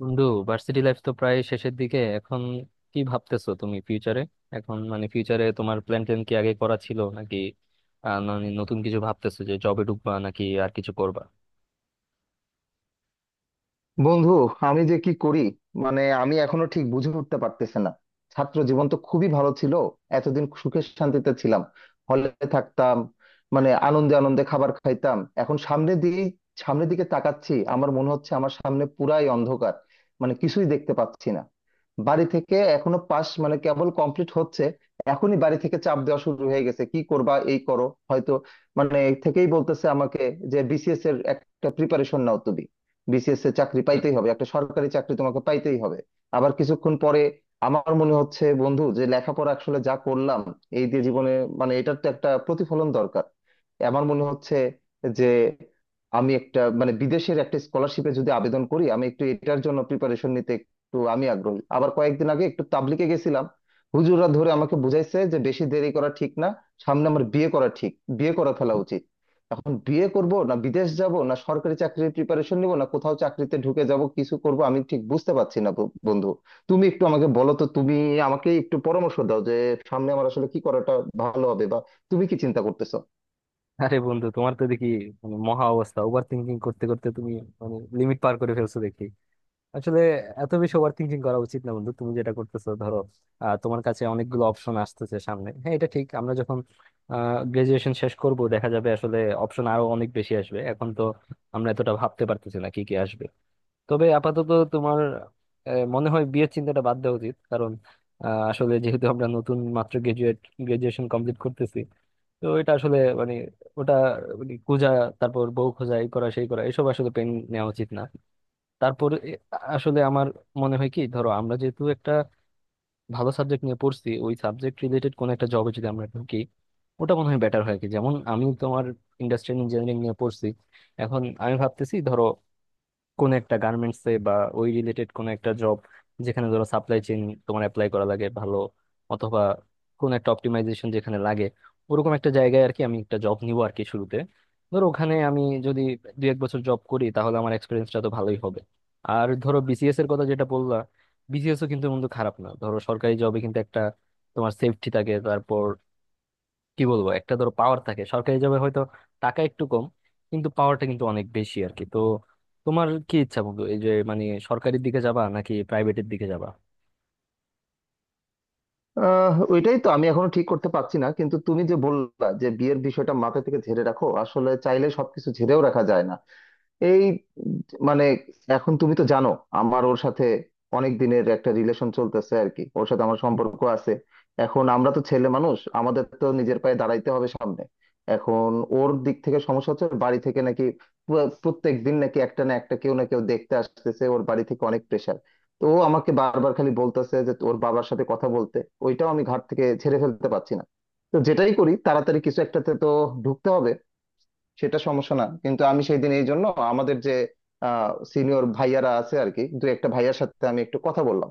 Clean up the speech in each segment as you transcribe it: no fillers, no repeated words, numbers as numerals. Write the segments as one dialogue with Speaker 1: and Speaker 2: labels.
Speaker 1: বন্ধু, varsity life তো প্রায় শেষের দিকে এখন। কি ভাবতেছো তুমি ফিউচারে? এখন মানে ফিউচারে তোমার প্ল্যান ট্যান কি আগে করা ছিল নাকি নতুন কিছু ভাবতেছো, যে জবে ঢুকবা নাকি আর কিছু করবা?
Speaker 2: বন্ধু, আমি যে কি করি, মানে আমি এখনো ঠিক বুঝে উঠতে পারতেছে না। ছাত্র জীবন তো খুবই ভালো ছিল, এতদিন সুখে শান্তিতে ছিলাম, হলে থাকতাম, মানে আনন্দে আনন্দে খাবার খাইতাম। এখন সামনে দিয়ে সামনের দিকে তাকাচ্ছি, আমার মনে হচ্ছে আমার সামনে পুরাই অন্ধকার, মানে কিছুই দেখতে পাচ্ছি না। বাড়ি থেকে এখনো পাস মানে কেবল কমপ্লিট হচ্ছে, এখনই বাড়ি থেকে চাপ দেওয়া শুরু হয়ে গেছে, কি করবা, এই করো হয়তো, মানে থেকেই বলতেছে আমাকে যে বিসিএস এর একটা প্রিপারেশন নাও তুমি, বিসিএস এর চাকরি পাইতেই হবে, একটা সরকারি চাকরি তোমাকে পাইতেই হবে। আবার কিছুক্ষণ পরে আমার মনে হচ্ছে, বন্ধু, যে লেখাপড়া আসলে যা করলাম এই দিয়ে জীবনে, মানে এটার তো একটা প্রতিফলন দরকার। আমার মনে হচ্ছে যে আমি একটা মানে বিদেশের একটা স্কলারশিপে যদি আবেদন করি, আমি একটু এটার জন্য প্রিপারেশন নিতে একটু আমি আগ্রহী। আবার কয়েকদিন আগে একটু তাবলিগে গেছিলাম, হুজুররা ধরে আমাকে বুঝাইছে যে বেশি দেরি করা ঠিক না, সামনে আমার বিয়ে করা ঠিক, বিয়ে করা ফেলা উচিত। এখন বিয়ে করব, না বিদেশ যাব, না সরকারি চাকরির প্রিপারেশন নিব, না কোথাও চাকরিতে ঢুকে যাব, কিছু করব আমি ঠিক বুঝতে পারছি না বন্ধু। তুমি একটু আমাকে বলো তো, তুমি আমাকে একটু পরামর্শ দাও যে সামনে আমার আসলে কি করাটা ভালো হবে, বা তুমি কি চিন্তা করতেছো?
Speaker 1: আরে বন্ধু, তোমার তো দেখি মানে মহা অবস্থা। ওভার থিঙ্কিং করতে করতে তুমি মানে লিমিট পার করে ফেলছো দেখি। আসলে এত বেশি ওভার থিঙ্কিং করা উচিত না বন্ধু। তুমি যেটা করতেছো ধরো, তোমার কাছে অনেকগুলো অপশন আসতেছে সামনে, হ্যাঁ এটা ঠিক। আমরা যখন গ্রাজুয়েশন শেষ করব দেখা যাবে আসলে অপশন আরো অনেক বেশি আসবে। এখন তো আমরা এতটা ভাবতে পারতেছি না কি কি আসবে। তবে আপাতত তোমার মনে হয় বিয়ের চিন্তাটা বাদ দেওয়া উচিত, কারণ আসলে যেহেতু আমরা নতুন মাত্র গ্রাজুয়েট, গ্রাজুয়েশন কমপ্লিট করতেছি। তো এটা আসলে মানে ওটা মানে খোঁজা, তারপর বউ খোঁজা, এই করা সেই করা, এসব আসলে পেন নেওয়া উচিত না। তারপর আসলে আমার মনে হয় কি, ধরো আমরা যেহেতু একটা ভালো সাবজেক্ট নিয়ে পড়ছি, ওই সাবজেক্ট রিলেটেড কোন একটা জবে যদি আমরা ঢুকি ওটা মনে হয় বেটার হয়। কি যেমন আমি, তোমার ইন্ডাস্ট্রিয়াল ইঞ্জিনিয়ারিং নিয়ে পড়ছি, এখন আমি ভাবতেছি ধরো কোন একটা গার্মেন্টস এ বা ওই রিলেটেড কোন একটা জব, যেখানে ধরো সাপ্লাই চেইন তোমার অ্যাপ্লাই করা লাগে ভালো, অথবা কোন একটা অপটিমাইজেশন যেখানে লাগে, ওরকম একটা জায়গায় আর কি আমি একটা জব নিব আর কি শুরুতে। ধরো ওখানে আমি যদি 1-2 বছর জব করি তাহলে আমার এক্সপিরিয়েন্সটা তো ভালোই হবে। আর ধরো বিসিএস এর কথা যেটা বললা, বিসিএস ও কিন্তু বন্ধু খারাপ না। ধরো সরকারি জবে কিন্তু একটা তোমার সেফটি থাকে, তারপর কি বলবো একটা ধরো পাওয়ার থাকে। সরকারি জবে হয়তো টাকা একটু কম, কিন্তু পাওয়ারটা কিন্তু অনেক বেশি আর কি। তো তোমার কি ইচ্ছা বন্ধু, এই যে মানে সরকারির দিকে যাবা নাকি প্রাইভেটের দিকে যাবা?
Speaker 2: আহ, ওইটাই তো আমি এখনো ঠিক করতে পারছি না, কিন্তু তুমি যে বললা যে বিয়ের বিষয়টা মাথা থেকে ঝেড়ে রাখো, আসলে চাইলে সবকিছু ঝেড়েও রাখা যায় না। এই মানে এখন তুমি তো জানো আমার ওর সাথে অনেক দিনের একটা রিলেশন চলতেছে আর কি, ওর সাথে আমার সম্পর্ক আছে। এখন আমরা তো ছেলে মানুষ, আমাদের তো নিজের পায়ে দাঁড়াইতে হবে সামনে। এখন ওর দিক থেকে সমস্যা হচ্ছে ওর বাড়ি থেকে নাকি প্রত্যেক দিন নাকি একটা না একটা, কেউ না কেউ দেখতে আসতেছে, ওর বাড়ি থেকে অনেক প্রেশার। তো ও আমাকে বারবার খালি বলতেছে যে ওর বাবার সাথে কথা বলতে, ওইটাও আমি ঘাট থেকে ছেড়ে ফেলতে পারছি না। তো যেটাই করি তাড়াতাড়ি কিছু একটাতে তো ঢুকতে হবে, সেটা সমস্যা না। কিন্তু আমি সেই দিন এই জন্য আমাদের যে সিনিয়র ভাইয়ারা আছে আর কি, দু একটা ভাইয়ার সাথে আমি একটু কথা বললাম।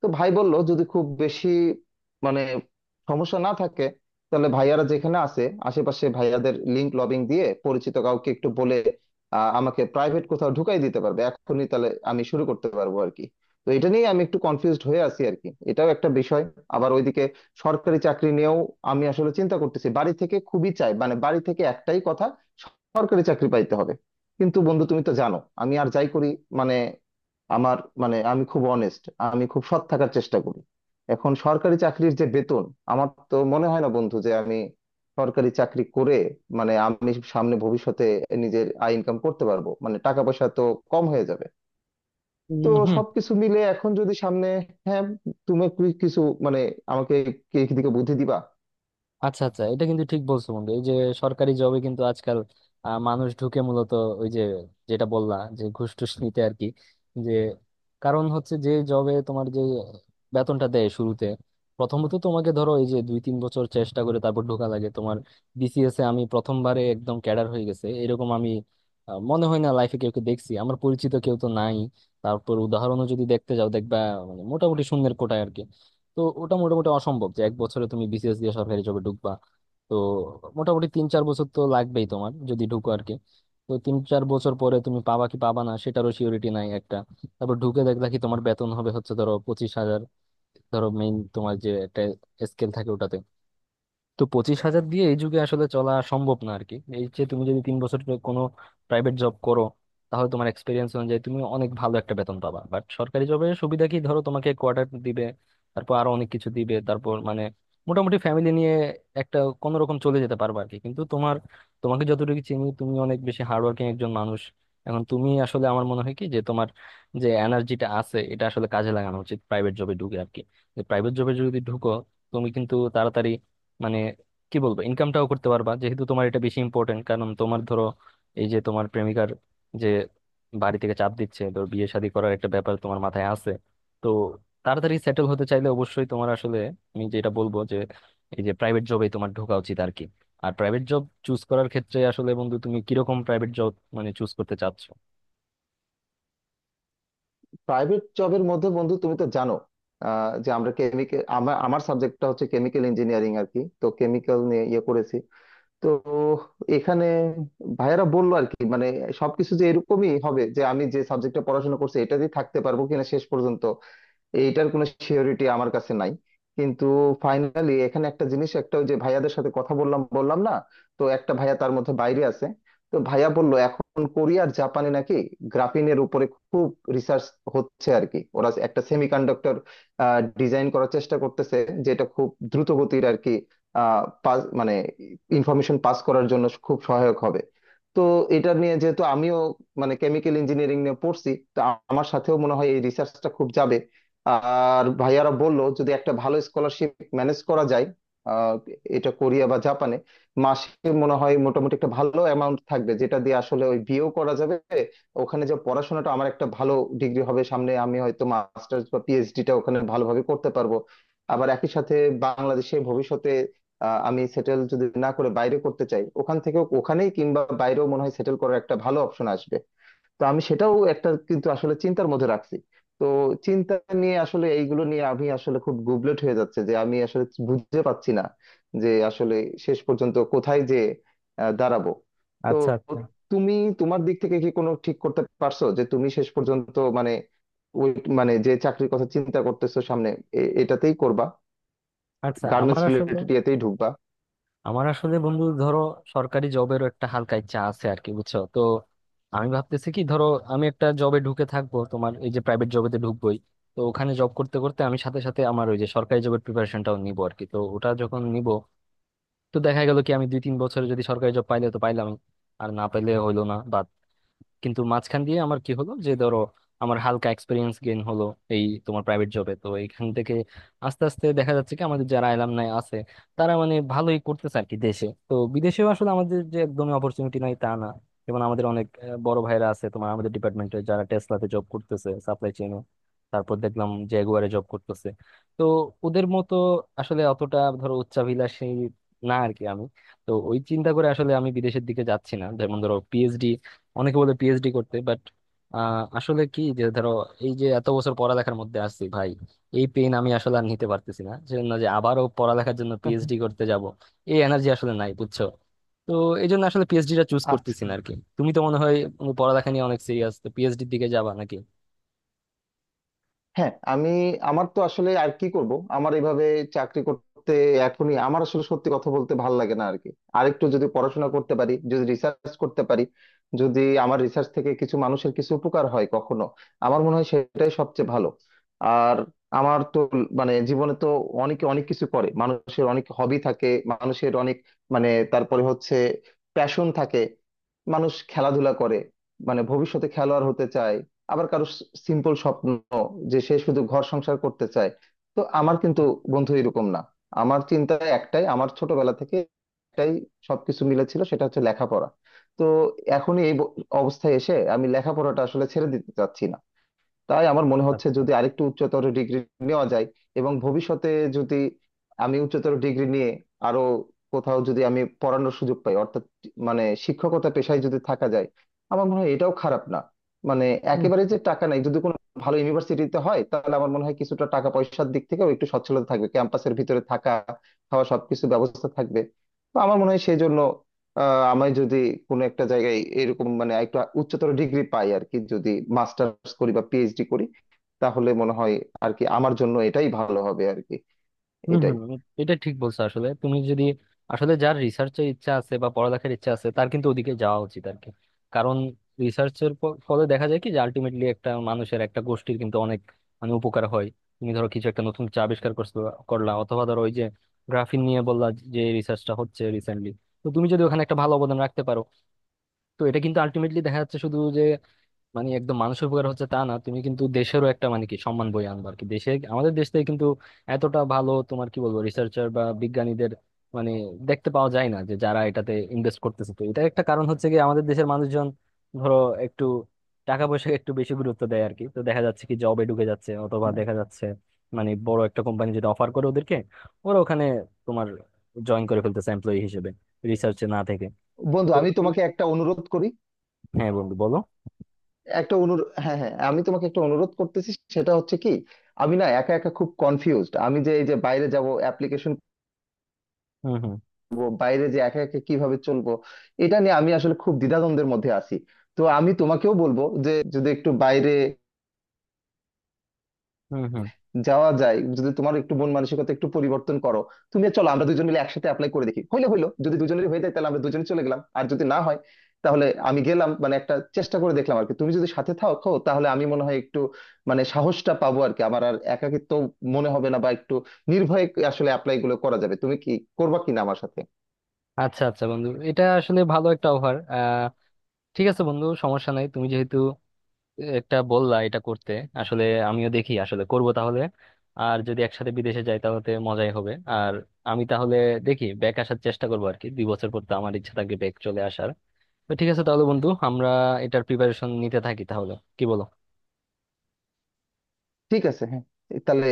Speaker 2: তো ভাই বলল যদি খুব বেশি মানে সমস্যা না থাকে তাহলে ভাইয়ারা যেখানে আছে আশেপাশে ভাইয়াদের লিংক লবিং দিয়ে পরিচিত কাউকে একটু বলে আমাকে প্রাইভেট কোথাও ঢুকাই দিতে পারবে, এখনই তাহলে আমি শুরু করতে পারবো আর কি। তো এটা নিয়ে আমি একটু কনফিউজড হয়ে আছি আর কি, এটাও একটা বিষয়। আবার ওইদিকে সরকারি চাকরি নিয়েও আমি আসলে চিন্তা করতেছি, বাড়ি থেকে খুবই চাই, মানে বাড়ি থেকে একটাই কথা, সরকারি চাকরি পাইতে হবে। কিন্তু বন্ধু, তুমি তো জানো আমি আর যাই করি, মানে আমার মানে আমি খুব অনেস্ট, আমি খুব সৎ থাকার চেষ্টা করি। এখন সরকারি চাকরির যে বেতন, আমার তো মনে হয় না বন্ধু যে আমি সরকারি চাকরি করে মানে আমি সামনে ভবিষ্যতে নিজের আয় ইনকাম করতে পারবো, মানে টাকা পয়সা তো কম হয়ে যাবে। তো
Speaker 1: হুম।
Speaker 2: সবকিছু মিলে এখন যদি সামনে, হ্যাঁ, তুমি কিছু মানে আমাকে কি দিকে বুদ্ধি দিবা?
Speaker 1: আচ্ছা আচ্ছা, এটা কিন্তু ঠিক বলছো বন্ধু। এই যে সরকারি জবে কিন্তু আজকাল মানুষ ঢুকে মূলত ওই যে, যেটা বললা যে ঘুষ টুস নিতে আর কি। যে কারণ হচ্ছে যে জবে তোমার যে বেতনটা দেয় শুরুতে, প্রথমত তোমাকে ধরো এই যে 2-3 বছর চেষ্টা করে তারপর ঢোকা লাগে তোমার। বিসিএস এ আমি প্রথমবারে একদম ক্যাডার হয়ে গেছে এরকম আমি মনে হয় না লাইফে কেউ দেখছি, আমার পরিচিত কেউ তো নাই। তারপর উদাহরণও যদি দেখতে যাও দেখবা মানে মোটামুটি শূন্যের কোটায় আর কি। তো ওটা মোটামুটি অসম্ভব যে 1 বছরে তুমি বিসিএস দিয়ে সরকারি জবে ঢুকবা। তো মোটামুটি 3-4 বছর তো লাগবেই তোমার যদি ঢুকো আর কি। তো তিন চার বছর পরে তুমি পাবা কি পাবা না সেটারও সিওরিটি নাই একটা। তারপর ঢুকে দেখলা কি তোমার বেতন হবে হচ্ছে ধরো 25,000, ধরো মেইন তোমার যে একটা স্কেল থাকে ওটাতে। তো 25,000 দিয়ে এই যুগে আসলে চলা সম্ভব না আর কি। এই যে তুমি যদি 3 বছর কোনো প্রাইভেট জব করো তাহলে তোমার এক্সপিরিয়েন্স অনুযায়ী তুমি অনেক ভালো একটা বেতন পাবা, বাট সরকারি জবের সুবিধা কি, ধরো তোমাকে কোয়ার্টার দিবে, তারপর আরো অনেক কিছু দিবে। তারপর মানে মোটামুটি ফ্যামিলি নিয়ে একটা কোনো রকম চলে যেতে পারবা আর কি। কিন্তু তোমার, তোমাকে যতটুকু চিনি তুমি অনেক বেশি হার্ডওয়ার্কিং একজন মানুষ। এখন তুমি আসলে, আমার মনে হয় কি যে তোমার যে এনার্জিটা আছে এটা আসলে কাজে লাগানো উচিত প্রাইভেট জবে ঢুকে আর কি। প্রাইভেট জবে যদি ঢুকো তুমি কিন্তু তাড়াতাড়ি মানে কি বলবো ইনকামটাও করতে পারবা, যেহেতু তোমার এটা বেশি ইম্পর্টেন্ট। কারণ তোমার ধরো এই যে তোমার প্রেমিকার যে বাড়ি থেকে চাপ দিচ্ছে, ধর বিয়ে শাদী করার একটা ব্যাপার তোমার মাথায় আছে। তো তাড়াতাড়ি সেটেল হতে চাইলে অবশ্যই তোমার আসলে, আমি যেটা বলবো যে এই যে প্রাইভেট জবে তোমার ঢোকা উচিত আর কি। আর প্রাইভেট জব চুজ করার ক্ষেত্রে আসলে বন্ধু তুমি কিরকম প্রাইভেট জব মানে চুজ করতে চাচ্ছো?
Speaker 2: প্রাইভেট জবের মধ্যে, বন্ধু, তুমি তো জানো, আহ, যে আমরা কেমিক্যাল, আমার আমার সাবজেক্টটা হচ্ছে কেমিক্যাল ইঞ্জিনিয়ারিং আর কি, তো কেমিক্যাল নিয়ে ইয়ে করেছি। তো এখানে ভাইয়েরা বললো আর কি, মানে সবকিছু যে এরকমই হবে যে আমি যে সাবজেক্টটা পড়াশোনা করছি এটাতেই থাকতে পারবো কিনা শেষ পর্যন্ত, এইটার কোনো সিওরিটি আমার কাছে নাই। কিন্তু ফাইনালি এখানে একটা জিনিস, একটা ওই যে ভাইয়াদের সাথে কথা বললাম, বললাম না, তো একটা ভাইয়া তার মধ্যে বাইরে আছে। তো ভাইয়া বলল এখন কোরিয়া আর জাপানে নাকি গ্রাফিনের উপরে খুব রিসার্চ হচ্ছে আর কি, ওরা একটা সেমিকন্ডাক্টর ডিজাইন করার চেষ্টা করতেছে যেটা খুব দ্রুত গতির আর কি। মানে ইনফরমেশন পাস করার জন্য খুব সহায়ক হবে। তো এটা নিয়ে যেহেতু আমিও মানে কেমিক্যাল ইঞ্জিনিয়ারিং নিয়ে পড়ছি, তো আমার সাথেও মনে হয় এই রিসার্চটা খুব যাবে। আর ভাইয়ারা বললো যদি একটা ভালো স্কলারশিপ ম্যানেজ করা যায়, আহ, এটা কোরিয়া বা জাপানে, মাসে মনে হয় মোটামুটি একটা ভালো অ্যামাউন্ট থাকবে যেটা দিয়ে আসলে ওই বিয়েও করা যাবে। ওখানে যে পড়াশোনাটা, আমার একটা ভালো ডিগ্রি হবে সামনে, আমি হয়তো মাস্টার্স বা পিএইচডিটা ওখানে ভালোভাবে করতে পারবো। আবার একই সাথে বাংলাদেশে ভবিষ্যতে, আহ, আমি সেটেল যদি না করে বাইরে করতে চাই, ওখান থেকেও ওখানেই কিংবা বাইরেও মনে হয় সেটেল করার একটা ভালো অপশন আসবে। তো আমি সেটাও একটা কিন্তু আসলে চিন্তার মধ্যে রাখছি। তো চিন্তা নিয়ে আসলে এইগুলো নিয়ে আমি আসলে খুব গুবলেট হয়ে যাচ্ছে, যে আমি আসলে বুঝতে পারছি না যে আসলে শেষ পর্যন্ত কোথায় যে আহ, দাঁড়াবো। তো
Speaker 1: আচ্ছা আচ্ছা
Speaker 2: তুমি, তোমার দিক থেকে কি কোনো ঠিক করতে পারছো যে তুমি শেষ পর্যন্ত মানে ওই মানে যে চাকরির কথা চিন্তা করতেছো সামনে, এটাতেই করবা,
Speaker 1: আচ্ছা। আমার
Speaker 2: গার্মেন্টস
Speaker 1: আসলে
Speaker 2: রিলেটেড ইয়েতেই ঢুকবা?
Speaker 1: আমার আসলে বন্ধু ধরো সরকারি জবেরও একটা হালকা ইচ্ছা আছে আর কি, বুঝছো তো। আমি ভাবতেছি কি, ধরো আমি একটা জবে ঢুকে থাকবো, তোমার এই যে প্রাইভেট জবেতে ঢুকবোই। তো ওখানে জব করতে করতে আমি সাথে সাথে আমার ওই যে সরকারি জবের প্রিপারেশনটাও নিব আর কি। তো ওটা যখন নিব, তো দেখা গেল কি আমি 2-3 বছরে যদি সরকারি জব পাইলে তো পাইলাম, আর না পাইলে হইলো না। কিন্তু মাঝখান দিয়ে আমার কি হলো যে ধরো আমার হালকা এক্সপিরিয়েন্স গেইন হলো এই তোমার প্রাইভেট জবে, তো এইখান থেকে আস্তে আস্তে দেখা যাচ্ছে কি আমাদের যারা অ্যালামনাই আছে তারা মানে ভালোই করতেছে আর কি দেশে, তো বিদেশেও আসলে আমাদের যে একদমই অপরচুনিটি নাই তা না। যেমন আমাদের অনেক বড় ভাইরা আছে তোমার, আমাদের ডিপার্টমেন্টে যারা টেসলাতে জব করতেছে সাপ্লাই চেইনে, তারপর দেখলাম জেগুয়ারে জব করতেছে। তো ওদের মতো আসলে অতটা ধরো উচ্চাভিলাষী না আর কি আমি। তো ওই চিন্তা করে আসলে আমি বিদেশের দিকে যাচ্ছি না, যেমন ধরো পিএইচডি, অনেকে বলে পিএইচডি করতে বাট আসলে কি যে ধরো এই যে এত বছর পড়ালেখার মধ্যে আসছি ভাই, এই পেন আমি আসলে আর নিতে পারতেছি না, সেজন্য যে আবারও পড়ালেখার জন্য পিএইচডি করতে যাব এই এনার্জি আসলে নাই বুঝছো। তো এই জন্য আসলে পিএইচডিটা চুজ
Speaker 2: আচ্ছা,
Speaker 1: করতেছি না আর কি। তুমি তো মনে হয় পড়ালেখা নিয়ে অনেক সিরিয়াস, তো পিএইচডির দিকে যাবা নাকি?
Speaker 2: হ্যাঁ, আমি, আমার তো আসলে আর কি করব, আমার এইভাবে চাকরি করতে এখনই আমার আসলে সত্যি কথা বলতে ভাল লাগে না আর কি। আরেকটু যদি পড়াশোনা করতে পারি, যদি রিসার্চ করতে পারি, যদি আমার রিসার্চ থেকে কিছু মানুষের কিছু উপকার হয় কখনো, আমার মনে হয় সেটাই সবচেয়ে ভালো। আর আমার তো মানে জীবনে তো, অনেকে অনেক কিছু করে, মানুষের অনেক হবি থাকে, মানুষের অনেক, মানে তারপরে হচ্ছে প্যাশন থাকে, মানুষ খেলাধুলা করে মানে ভবিষ্যতে খেলোয়াড় হতে চায়, আবার কারো সিম্পল স্বপ্ন যে সে শুধু ঘর সংসার করতে চায়। তো আমার কিন্তু, বন্ধু, এরকম না, আমার চিন্তা একটাই, আমার ছোটবেলা থেকে একটাই সবকিছু মিলে ছিল, সেটা হচ্ছে লেখাপড়া। তো এখনই এই অবস্থায় এসে আমি লেখাপড়াটা আসলে ছেড়ে দিতে চাচ্ছি না। তাই আমার মনে হচ্ছে
Speaker 1: আচ্ছা।
Speaker 2: যদি আরেকটু উচ্চতর ডিগ্রি নেওয়া যায় এবং ভবিষ্যতে যদি আমি উচ্চতর ডিগ্রি নিয়ে আরো কোথাও যদি আমি পড়ানোর সুযোগ পাই, অর্থাৎ মানে শিক্ষকতা পেশায় যদি থাকা যায়, আমার মনে হয় এটাও খারাপ না। মানে একেবারে যে টাকা নাই, যদি কোনো ভালো ইউনিভার্সিটিতে হয় তাহলে আমার মনে হয় কিছুটা টাকা পয়সার দিক থেকেও একটু সচ্ছলতা থাকবে, ক্যাম্পাসের ভিতরে থাকা খাওয়া সবকিছু ব্যবস্থা থাকবে। তো আমার মনে হয় সেই জন্য, আহ, আমি যদি কোনো একটা জায়গায় এরকম মানে একটা উচ্চতর ডিগ্রি পাই আর কি, যদি মাস্টার্স করি বা পিএইচডি করি, তাহলে মনে হয় আর কি আমার জন্য এটাই ভালো হবে আর কি,
Speaker 1: হম
Speaker 2: এটাই।
Speaker 1: হম। এটা ঠিক বলছো আসলে। তুমি যদি আসলে, যার রিসার্চের ইচ্ছা আছে বা পড়ালেখার ইচ্ছা আছে তার কিন্তু ওদিকে যাওয়া উচিত আর কি। কারণ রিসার্চের ফলে দেখা যায় কি যে আলটিমেটলি একটা মানুষের, একটা গোষ্ঠীর কিন্তু অনেক মানে উপকার হয়। তুমি ধরো কিছু একটা নতুন কিছু আবিষ্কার করছো করলা, অথবা ধরো ওই যে গ্রাফিন নিয়ে বললা যে রিসার্চটা হচ্ছে রিসেন্টলি, তো তুমি যদি ওখানে একটা ভালো অবদান রাখতে পারো, তো এটা কিন্তু আলটিমেটলি দেখা যাচ্ছে শুধু যে মানে একদম মানুষের উপকার হচ্ছে তা না, তুমি কিন্তু দেশেরও একটা মানে কি সম্মান বই আনবা আর কি। দেশে, আমাদের দেশ থেকে কিন্তু এতটা ভালো তোমার কি বলবো রিসার্চার বা বিজ্ঞানীদের মানে দেখতে পাওয়া যায় না, যে যারা এটাতে ইনভেস্ট করতেছে। তো এটা একটা কারণ হচ্ছে কি আমাদের দেশের মানুষজন ধরো একটু টাকা পয়সা একটু বেশি গুরুত্ব দেয় আর কি। তো দেখা যাচ্ছে কি জবে ঢুকে যাচ্ছে, অথবা দেখা যাচ্ছে মানে বড় একটা কোম্পানি যেটা অফার করে ওদেরকে, ওরা ওখানে তোমার জয়েন করে ফেলতেছে এমপ্লয়ি হিসেবে, রিসার্চে না থেকে।
Speaker 2: বন্ধু,
Speaker 1: তো
Speaker 2: আমি তোমাকে একটা অনুরোধ করি,
Speaker 1: হ্যাঁ বন্ধু বলো।
Speaker 2: একটা অনুরোধ, হ্যাঁ হ্যাঁ, আমি তোমাকে একটা অনুরোধ করতেছি, সেটা হচ্ছে কি, আমি না একা একা খুব কনফিউজড, আমি যে এই যে বাইরে যাব, অ্যাপ্লিকেশন
Speaker 1: হুম হুম।
Speaker 2: করব, বাইরে যে একা একা কিভাবে চলবো, এটা নিয়ে আমি আসলে খুব দ্বিধাদ্বন্দ্বের মধ্যে আছি। তো আমি তোমাকেও বলবো যে যদি একটু বাইরে
Speaker 1: হুম হুম।
Speaker 2: যাওয়া যায়, যদি তোমার একটু মন মানসিকতা একটু পরিবর্তন করো, তুমি আর চলো আমরা দুজন মিলে একসাথে অ্যাপ্লাই করে দেখি, হইলে হইলো, যদি দুজনেরই হয়ে যায় তাহলে আমরা দুজনে চলে গেলাম, আর যদি না হয় তাহলে আমি গেলাম, মানে একটা চেষ্টা করে দেখলাম আর কি। তুমি যদি সাথে থাকো তাহলে আমি মনে হয় একটু মানে সাহসটা পাবো আর কি, আমার আর একাকিত্ব মনে হবে না, বা একটু নির্ভয়ে আসলে অ্যাপ্লাই গুলো করা যাবে। তুমি কি করবা কিনা আমার সাথে?
Speaker 1: আচ্ছা আচ্ছা বন্ধু, এটা আসলে ভালো একটা অফার। ঠিক আছে বন্ধু, সমস্যা নাই। তুমি যেহেতু একটা বললা এটা করতে, আসলে আমিও দেখি আসলে করব তাহলে। আর যদি একসাথে বিদেশে যাই তাহলে তো মজাই হবে। আর আমি তাহলে দেখি ব্যাক আসার চেষ্টা করবো আর কি 2 বছর পর, তো আমার ইচ্ছা থাকবে ব্যাক চলে আসার। তো ঠিক আছে তাহলে বন্ধু, আমরা এটার প্রিপারেশন নিতে থাকি তাহলে। কি বলো?
Speaker 2: ঠিক আছে, হ্যাঁ, তাহলে।